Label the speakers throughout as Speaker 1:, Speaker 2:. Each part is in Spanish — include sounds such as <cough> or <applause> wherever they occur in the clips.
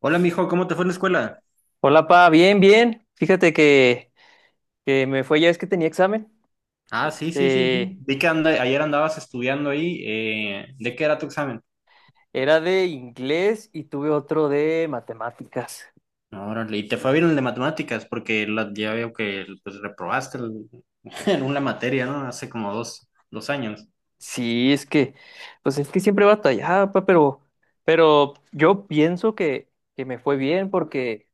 Speaker 1: Hola, mijo, ¿cómo te fue en la escuela?
Speaker 2: Hola, pa, bien, bien. Fíjate que me fue ya es que tenía examen.
Speaker 1: Ah, sí, sí, sí, sí.
Speaker 2: Este,
Speaker 1: Vi que ayer andabas estudiando ahí. ¿De qué era tu examen?
Speaker 2: era de inglés y tuve otro de matemáticas.
Speaker 1: Órale, y te fue bien el de matemáticas, porque ya veo que pues, reprobaste <laughs> en una materia, ¿no? Hace como dos años.
Speaker 2: Sí, pues es que siempre batallaba, pa, pero yo pienso que me fue bien porque,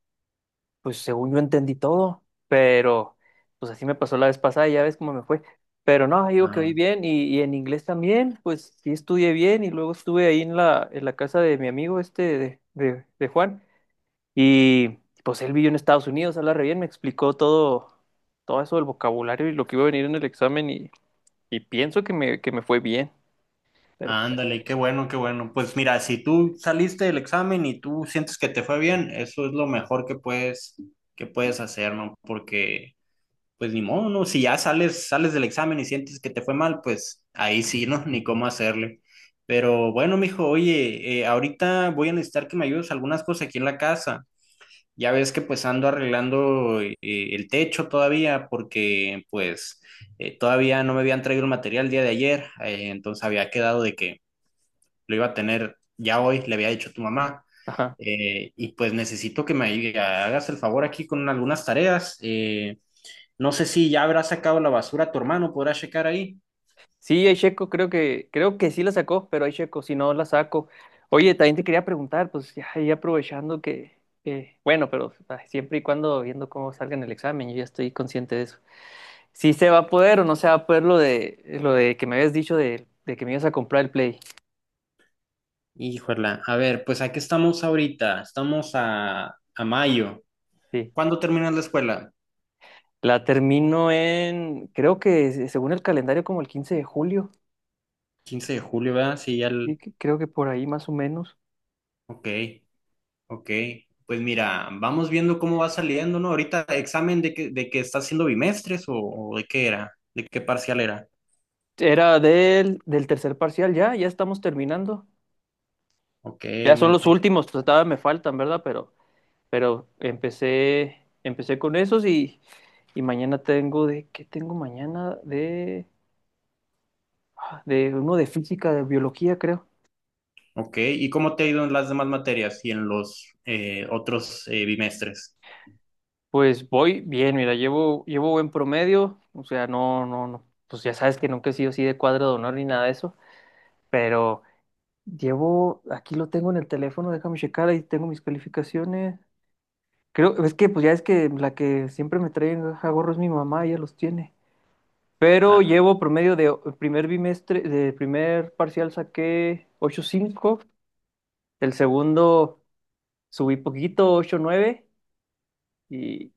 Speaker 2: pues según yo entendí todo, pero pues así me pasó la vez pasada, ya ves cómo me fue. Pero no, digo que
Speaker 1: Ah,
Speaker 2: oí bien y en inglés también, pues sí estudié bien y luego estuve ahí en en la casa de mi amigo este de Juan. Y pues él vivió en Estados Unidos, habla re bien, me explicó todo, todo eso del vocabulario y lo que iba a venir en el examen, y pienso que que me fue bien. Pero pues,
Speaker 1: ándale, qué bueno, qué bueno. Pues mira, si tú saliste del examen y tú sientes que te fue bien, eso es lo mejor que puedes hacer, ¿no? Porque pues ni modo, ¿no? Si ya sales del examen y sientes que te fue mal, pues ahí sí, ¿no? <laughs> Ni cómo hacerle. Pero bueno, mijo, oye, ahorita voy a necesitar que me ayudes algunas cosas aquí en la casa. Ya ves que pues ando arreglando el techo todavía porque pues todavía no me habían traído el material el día de ayer, entonces había quedado de que lo iba a tener ya hoy, le había dicho a tu mamá.
Speaker 2: ajá.
Speaker 1: Y pues necesito que me hagas el favor aquí con algunas tareas. No sé si ya habrá sacado la basura tu hermano, podrá checar ahí.
Speaker 2: Sí, Checo creo que sí la sacó, pero Checo si no la saco. Oye, también te quería preguntar, pues ya, ya aprovechando bueno, pero ay, siempre y cuando viendo cómo salga en el examen, yo ya estoy consciente de eso. Si se va a poder o no se va a poder lo lo de que me habías dicho de que me ibas a comprar el Play.
Speaker 1: Híjole, a ver, pues aquí estamos ahorita, estamos a mayo.
Speaker 2: Sí.
Speaker 1: ¿Cuándo terminas la escuela?
Speaker 2: La termino en, creo que según el calendario, como el 15 de julio,
Speaker 1: 15 de julio, ¿verdad? Sí, ya el...
Speaker 2: creo que por ahí más o menos.
Speaker 1: Ok, ok. Pues mira, vamos viendo cómo va saliendo, ¿no? Ahorita examen de que está haciendo bimestres o de qué era, de qué parcial era.
Speaker 2: Era del tercer parcial, ya, ya estamos terminando.
Speaker 1: Ok,
Speaker 2: Ya son
Speaker 1: muy
Speaker 2: los
Speaker 1: bien.
Speaker 2: últimos, pues, todavía me faltan, ¿verdad? Pero, empecé con esos y mañana tengo de, ¿qué tengo mañana? De, ah, de uno de física, de biología, creo.
Speaker 1: Ok, ¿y cómo te ha ido en las demás materias y en los otros bimestres?
Speaker 2: Pues voy bien, mira, llevo buen promedio, o sea, no, pues ya sabes que nunca he sido así de cuadro de honor ni nada de eso, pero llevo, aquí lo tengo en el teléfono, déjame checar, ahí tengo mis calificaciones. Creo, es que pues ya es que la que siempre me trae a gorro es mi mamá, ella los tiene. Pero llevo promedio de el primer bimestre, de primer parcial saqué ocho punto cinco, el segundo subí poquito, 8.9 y,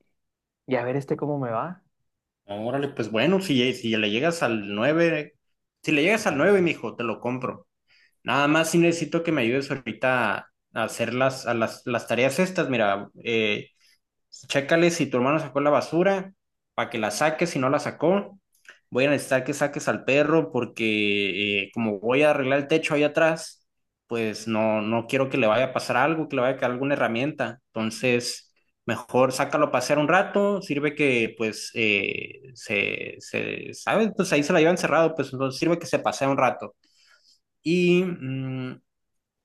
Speaker 2: y a ver este cómo me va.
Speaker 1: Órale, pues bueno, si le llegas al nueve, si le llegas al nueve, mijo, te lo compro. Nada más si necesito que me ayudes ahorita a hacer las tareas estas. Mira, chécale si tu hermano sacó la basura, para que la saques, si no la sacó. Voy a necesitar que saques al perro porque como voy a arreglar el techo ahí atrás, pues no, no quiero que le vaya a pasar algo, que le vaya a caer alguna herramienta. Entonces, mejor sácalo a pasear un rato, sirve que pues ¿sabes? Pues ahí se la lleva encerrado, pues entonces sirve que se pasea un rato. Y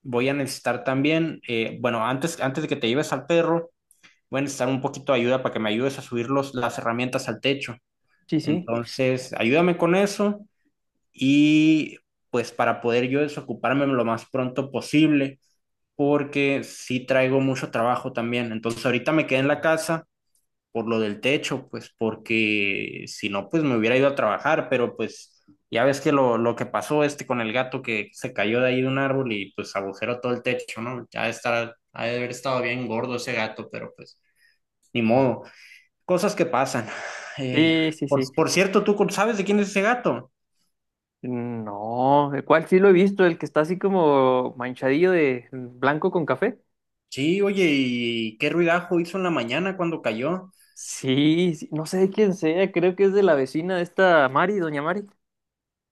Speaker 1: voy a necesitar también, bueno, antes de que te lleves al perro voy a necesitar un poquito de ayuda para que me ayudes a subir las herramientas al techo.
Speaker 2: Sí, sí,
Speaker 1: Entonces, ayúdame con eso y pues para poder yo desocuparme lo más pronto posible, porque sí traigo mucho trabajo también. Entonces, ahorita me quedé en la casa por lo del techo, pues porque si no, pues me hubiera ido a trabajar, pero pues ya ves que lo que pasó este con el gato que se cayó de ahí de un árbol y pues agujeró todo el techo, ¿no? Ya estará, ha de haber estado bien gordo ese gato, pero pues ni modo. Cosas que pasan. Eh,
Speaker 2: sí, sí, sí.
Speaker 1: por cierto, ¿tú sabes de quién es ese gato?
Speaker 2: No, el cual sí lo he visto, el que está así como manchadillo de blanco con café.
Speaker 1: Sí, oye, ¿y qué ruidajo hizo en la mañana cuando cayó?
Speaker 2: Sí, sí, no sé de quién sea, creo que es de la vecina de esta Mari, doña Mari.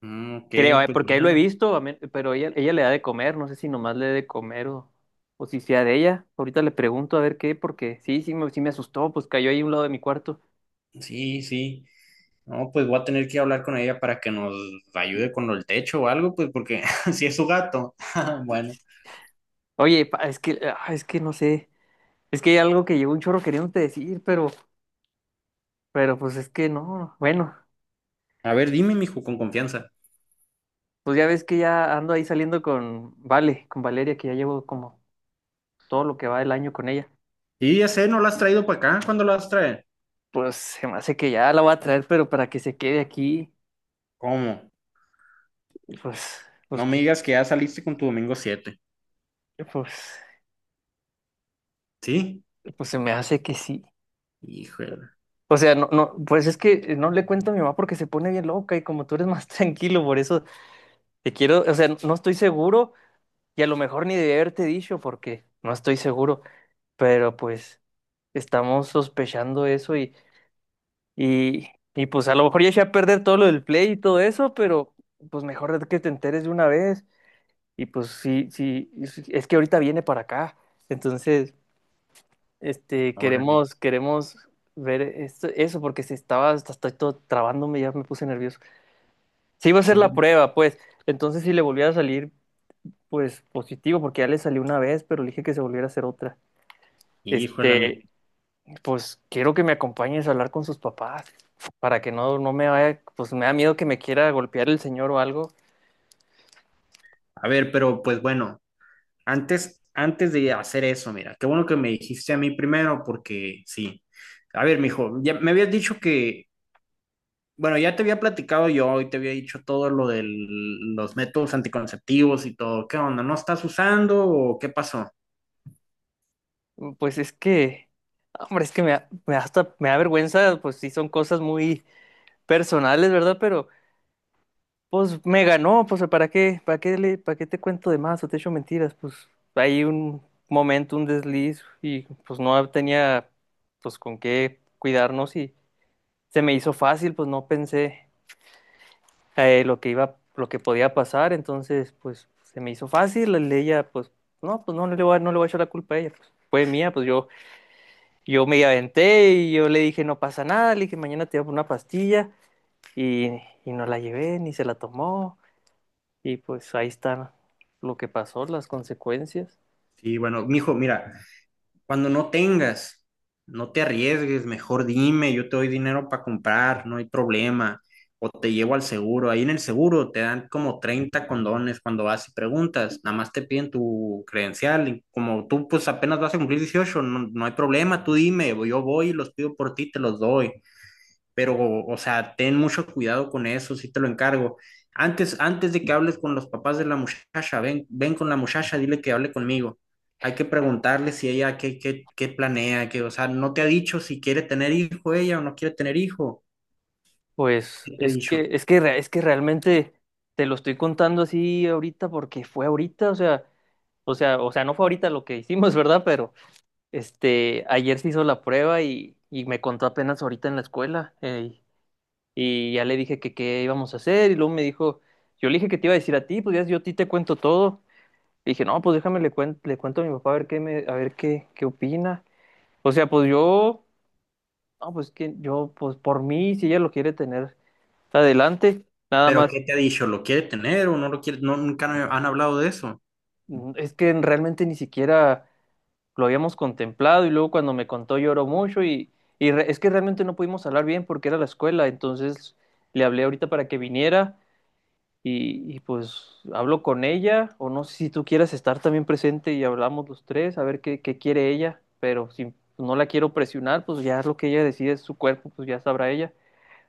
Speaker 1: Ok,
Speaker 2: Creo,
Speaker 1: pues
Speaker 2: porque ahí lo he
Speaker 1: bueno,
Speaker 2: visto, pero ella le da de comer, no sé si nomás le da de comer o si sea de ella. Ahorita le pregunto a ver qué, porque sí, sí me asustó, pues cayó ahí a un lado de mi cuarto.
Speaker 1: sí, sí. No, pues voy a tener que hablar con ella para que nos ayude con el techo o algo, pues porque <laughs> si es su gato. <laughs> Bueno,
Speaker 2: Oye, es que, ah, es que no sé, es que hay algo que llegó un chorro queriéndote decir, pero pues es que no, bueno,
Speaker 1: a ver, dime, mijo, con confianza.
Speaker 2: pues ya ves que ya ando ahí saliendo con Vale, con Valeria, que ya llevo como todo lo que va del año con ella.
Speaker 1: Sí, ya sé, ¿no la has traído para acá? ¿Cuándo la vas a traer?
Speaker 2: Pues se me hace que ya la voy a traer, pero para que se quede aquí,
Speaker 1: ¿Cómo?
Speaker 2: pues, pues
Speaker 1: No me
Speaker 2: que,
Speaker 1: digas que ya saliste con tu domingo siete.
Speaker 2: pues,
Speaker 1: ¿Sí?
Speaker 2: pues se me hace que sí.
Speaker 1: Híjole,
Speaker 2: O sea, no, no, pues es que no le cuento a mi mamá porque se pone bien loca y como tú eres más <laughs> tranquilo, por eso te quiero, o sea, no estoy seguro y a lo mejor ni de haberte dicho porque no estoy seguro, pero pues estamos sospechando eso y, y pues a lo mejor ya eché a perder todo lo del play y todo eso, pero pues mejor que te enteres de una vez. Y pues sí, sí, es que ahorita viene para acá. Entonces, este,
Speaker 1: órale.
Speaker 2: queremos ver esto, eso, porque si estaba, hasta estoy todo trabándome, ya me puse nervioso. Sí iba a hacer
Speaker 1: Sí,
Speaker 2: la prueba, pues. Entonces, si le volviera a salir, pues positivo, porque ya le salió una vez, pero le dije que se volviera a hacer otra.
Speaker 1: híjole, mijo.
Speaker 2: Este, pues quiero que me acompañes a hablar con sus papás, para que no me vaya, pues me da miedo que me quiera golpear el señor o algo.
Speaker 1: A ver, pero pues bueno, antes de hacer eso, mira, qué bueno que me dijiste a mí primero, porque sí. A ver, mijo, ya me habías dicho que, bueno, ya te había platicado yo y te había dicho todo lo de los métodos anticonceptivos y todo. ¿Qué onda? ¿No estás usando o qué pasó?
Speaker 2: Pues es que, hombre, es que me da hasta me da vergüenza, pues sí son cosas muy personales, ¿verdad? Pero pues me ganó, pues ¿para qué? ¿Para qué para qué te cuento de más o te echo mentiras? Pues hay un momento, un desliz y pues no tenía pues con qué cuidarnos y se me hizo fácil, pues no pensé lo que iba, lo que podía pasar, entonces pues se me hizo fácil, ella pues no le voy a, no le voy a echar la culpa a ella, pues fue mía, pues yo. Yo me aventé y yo le dije, no pasa nada, le dije, mañana te llevo una pastilla y, y no la llevé ni se la tomó y pues ahí está lo que pasó, las consecuencias.
Speaker 1: Sí, bueno, mijo, mira, cuando no tengas, no te arriesgues, mejor dime, yo te doy dinero para comprar, no hay problema. O te llevo al seguro. Ahí en el seguro te dan como 30 condones cuando vas y preguntas. Nada más te piden tu credencial. Y como tú pues apenas vas a cumplir 18, no, no hay problema, tú dime, yo voy y los pido por ti, te los doy pero, o sea, ten mucho cuidado con eso, sí te lo encargo. Antes de que hables con los papás de la muchacha, ven con la muchacha, dile que hable conmigo. Hay que preguntarle si ella qué planea, que, o sea, no te ha dicho si quiere tener hijo ella o no quiere tener hijo.
Speaker 2: Pues
Speaker 1: ¿Qué te ha dicho?
Speaker 2: es que realmente te lo estoy contando así ahorita porque fue ahorita, o sea, no fue ahorita lo que hicimos, <laughs> ¿verdad? Pero este, ayer se hizo la prueba y me contó apenas ahorita en la escuela. Y ya le dije que qué íbamos a hacer y luego me dijo, yo le dije que te iba a decir a ti, pues ya yo a ti te cuento todo. Le dije, no, pues déjame le cuento a mi papá a ver qué me, a ver qué, qué opina. O sea, no, pues por mí, si ella lo quiere tener adelante, nada
Speaker 1: Pero
Speaker 2: más,
Speaker 1: ¿qué te ha dicho? ¿Lo quiere tener o no lo quiere? No, nunca han hablado de eso.
Speaker 2: mm, es que realmente ni siquiera lo habíamos contemplado y luego cuando me contó lloró mucho y es que realmente no pudimos hablar bien porque era la escuela, entonces le hablé ahorita para que viniera y pues hablo con ella, o no sé si tú quieras estar también presente y hablamos los tres, a ver qué, qué quiere ella, pero si no la quiero presionar, pues ya es lo que ella decide, es su cuerpo, pues ya sabrá ella,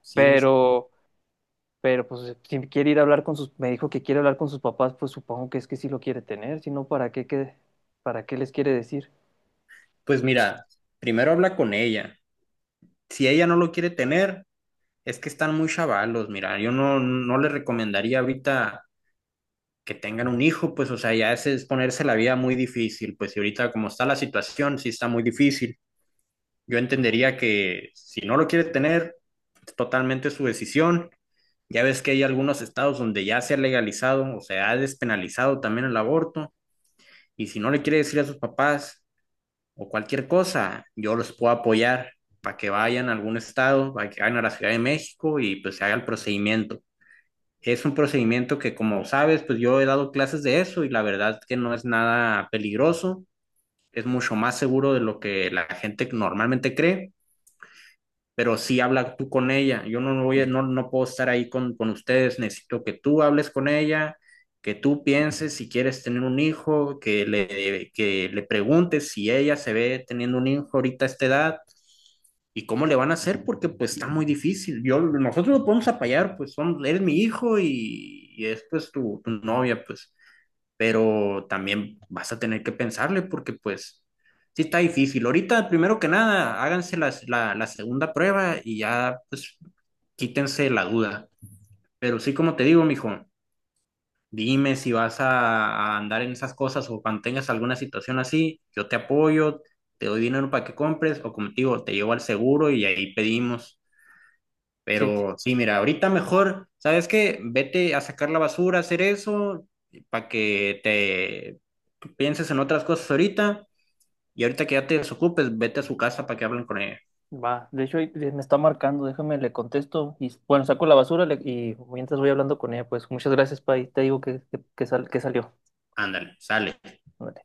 Speaker 1: Sí,
Speaker 2: pero, pero pues si quiere ir a hablar con sus, me dijo que quiere hablar con sus papás, pues supongo que es que sí lo quiere tener, si no, ¿para qué, qué, para qué les quiere decir?
Speaker 1: pues mira, primero habla con ella. Si ella no lo quiere tener, es que están muy chavalos. Mira, yo no le recomendaría ahorita que tengan un hijo, pues, o sea, ya ese es ponerse la vida muy difícil, pues, y ahorita como está la situación, sí está muy difícil. Yo entendería que si no lo quiere tener, es totalmente su decisión. Ya ves que hay algunos estados donde ya se ha legalizado o sea ha despenalizado también el aborto, y si no le quiere decir a sus papás o cualquier cosa, yo los puedo apoyar para que vayan a algún estado, para que vayan a la Ciudad de México y pues se haga el procedimiento. Es un procedimiento que, como sabes, pues yo he dado clases de eso y la verdad que no es nada peligroso, es mucho más seguro de lo que la gente normalmente cree, pero sí habla tú con ella. Yo no voy no puedo estar ahí con ustedes, necesito que tú hables con ella, que tú pienses si quieres tener un hijo, que que le preguntes si ella se ve teniendo un hijo ahorita a esta edad. ¿Y cómo le van a hacer? Porque pues está muy difícil. Yo, nosotros lo podemos apoyar, pues son, eres mi hijo y es pues tu novia, pues. Pero también vas a tener que pensarle porque pues sí está difícil. Ahorita, primero que nada, háganse la segunda prueba y ya pues quítense la duda. Pero sí, como te digo, mijo, dime si vas a andar en esas cosas o cuando tengas alguna situación así, yo te apoyo, te doy dinero para que compres o como te digo, te llevo al seguro y ahí pedimos.
Speaker 2: Sí, sí,
Speaker 1: Pero sí, mira, ahorita mejor, ¿sabes qué? Vete a sacar la basura, a hacer eso, para que te pienses en otras cosas ahorita. Y ahorita que ya te desocupes, vete a su casa para que hablen con ella.
Speaker 2: va, de hecho ahí me está marcando, déjame, le contesto, y bueno, saco la basura y mientras voy hablando con ella, pues muchas gracias, Pai, te digo que que salió.
Speaker 1: Ándale, sale.
Speaker 2: Ándale.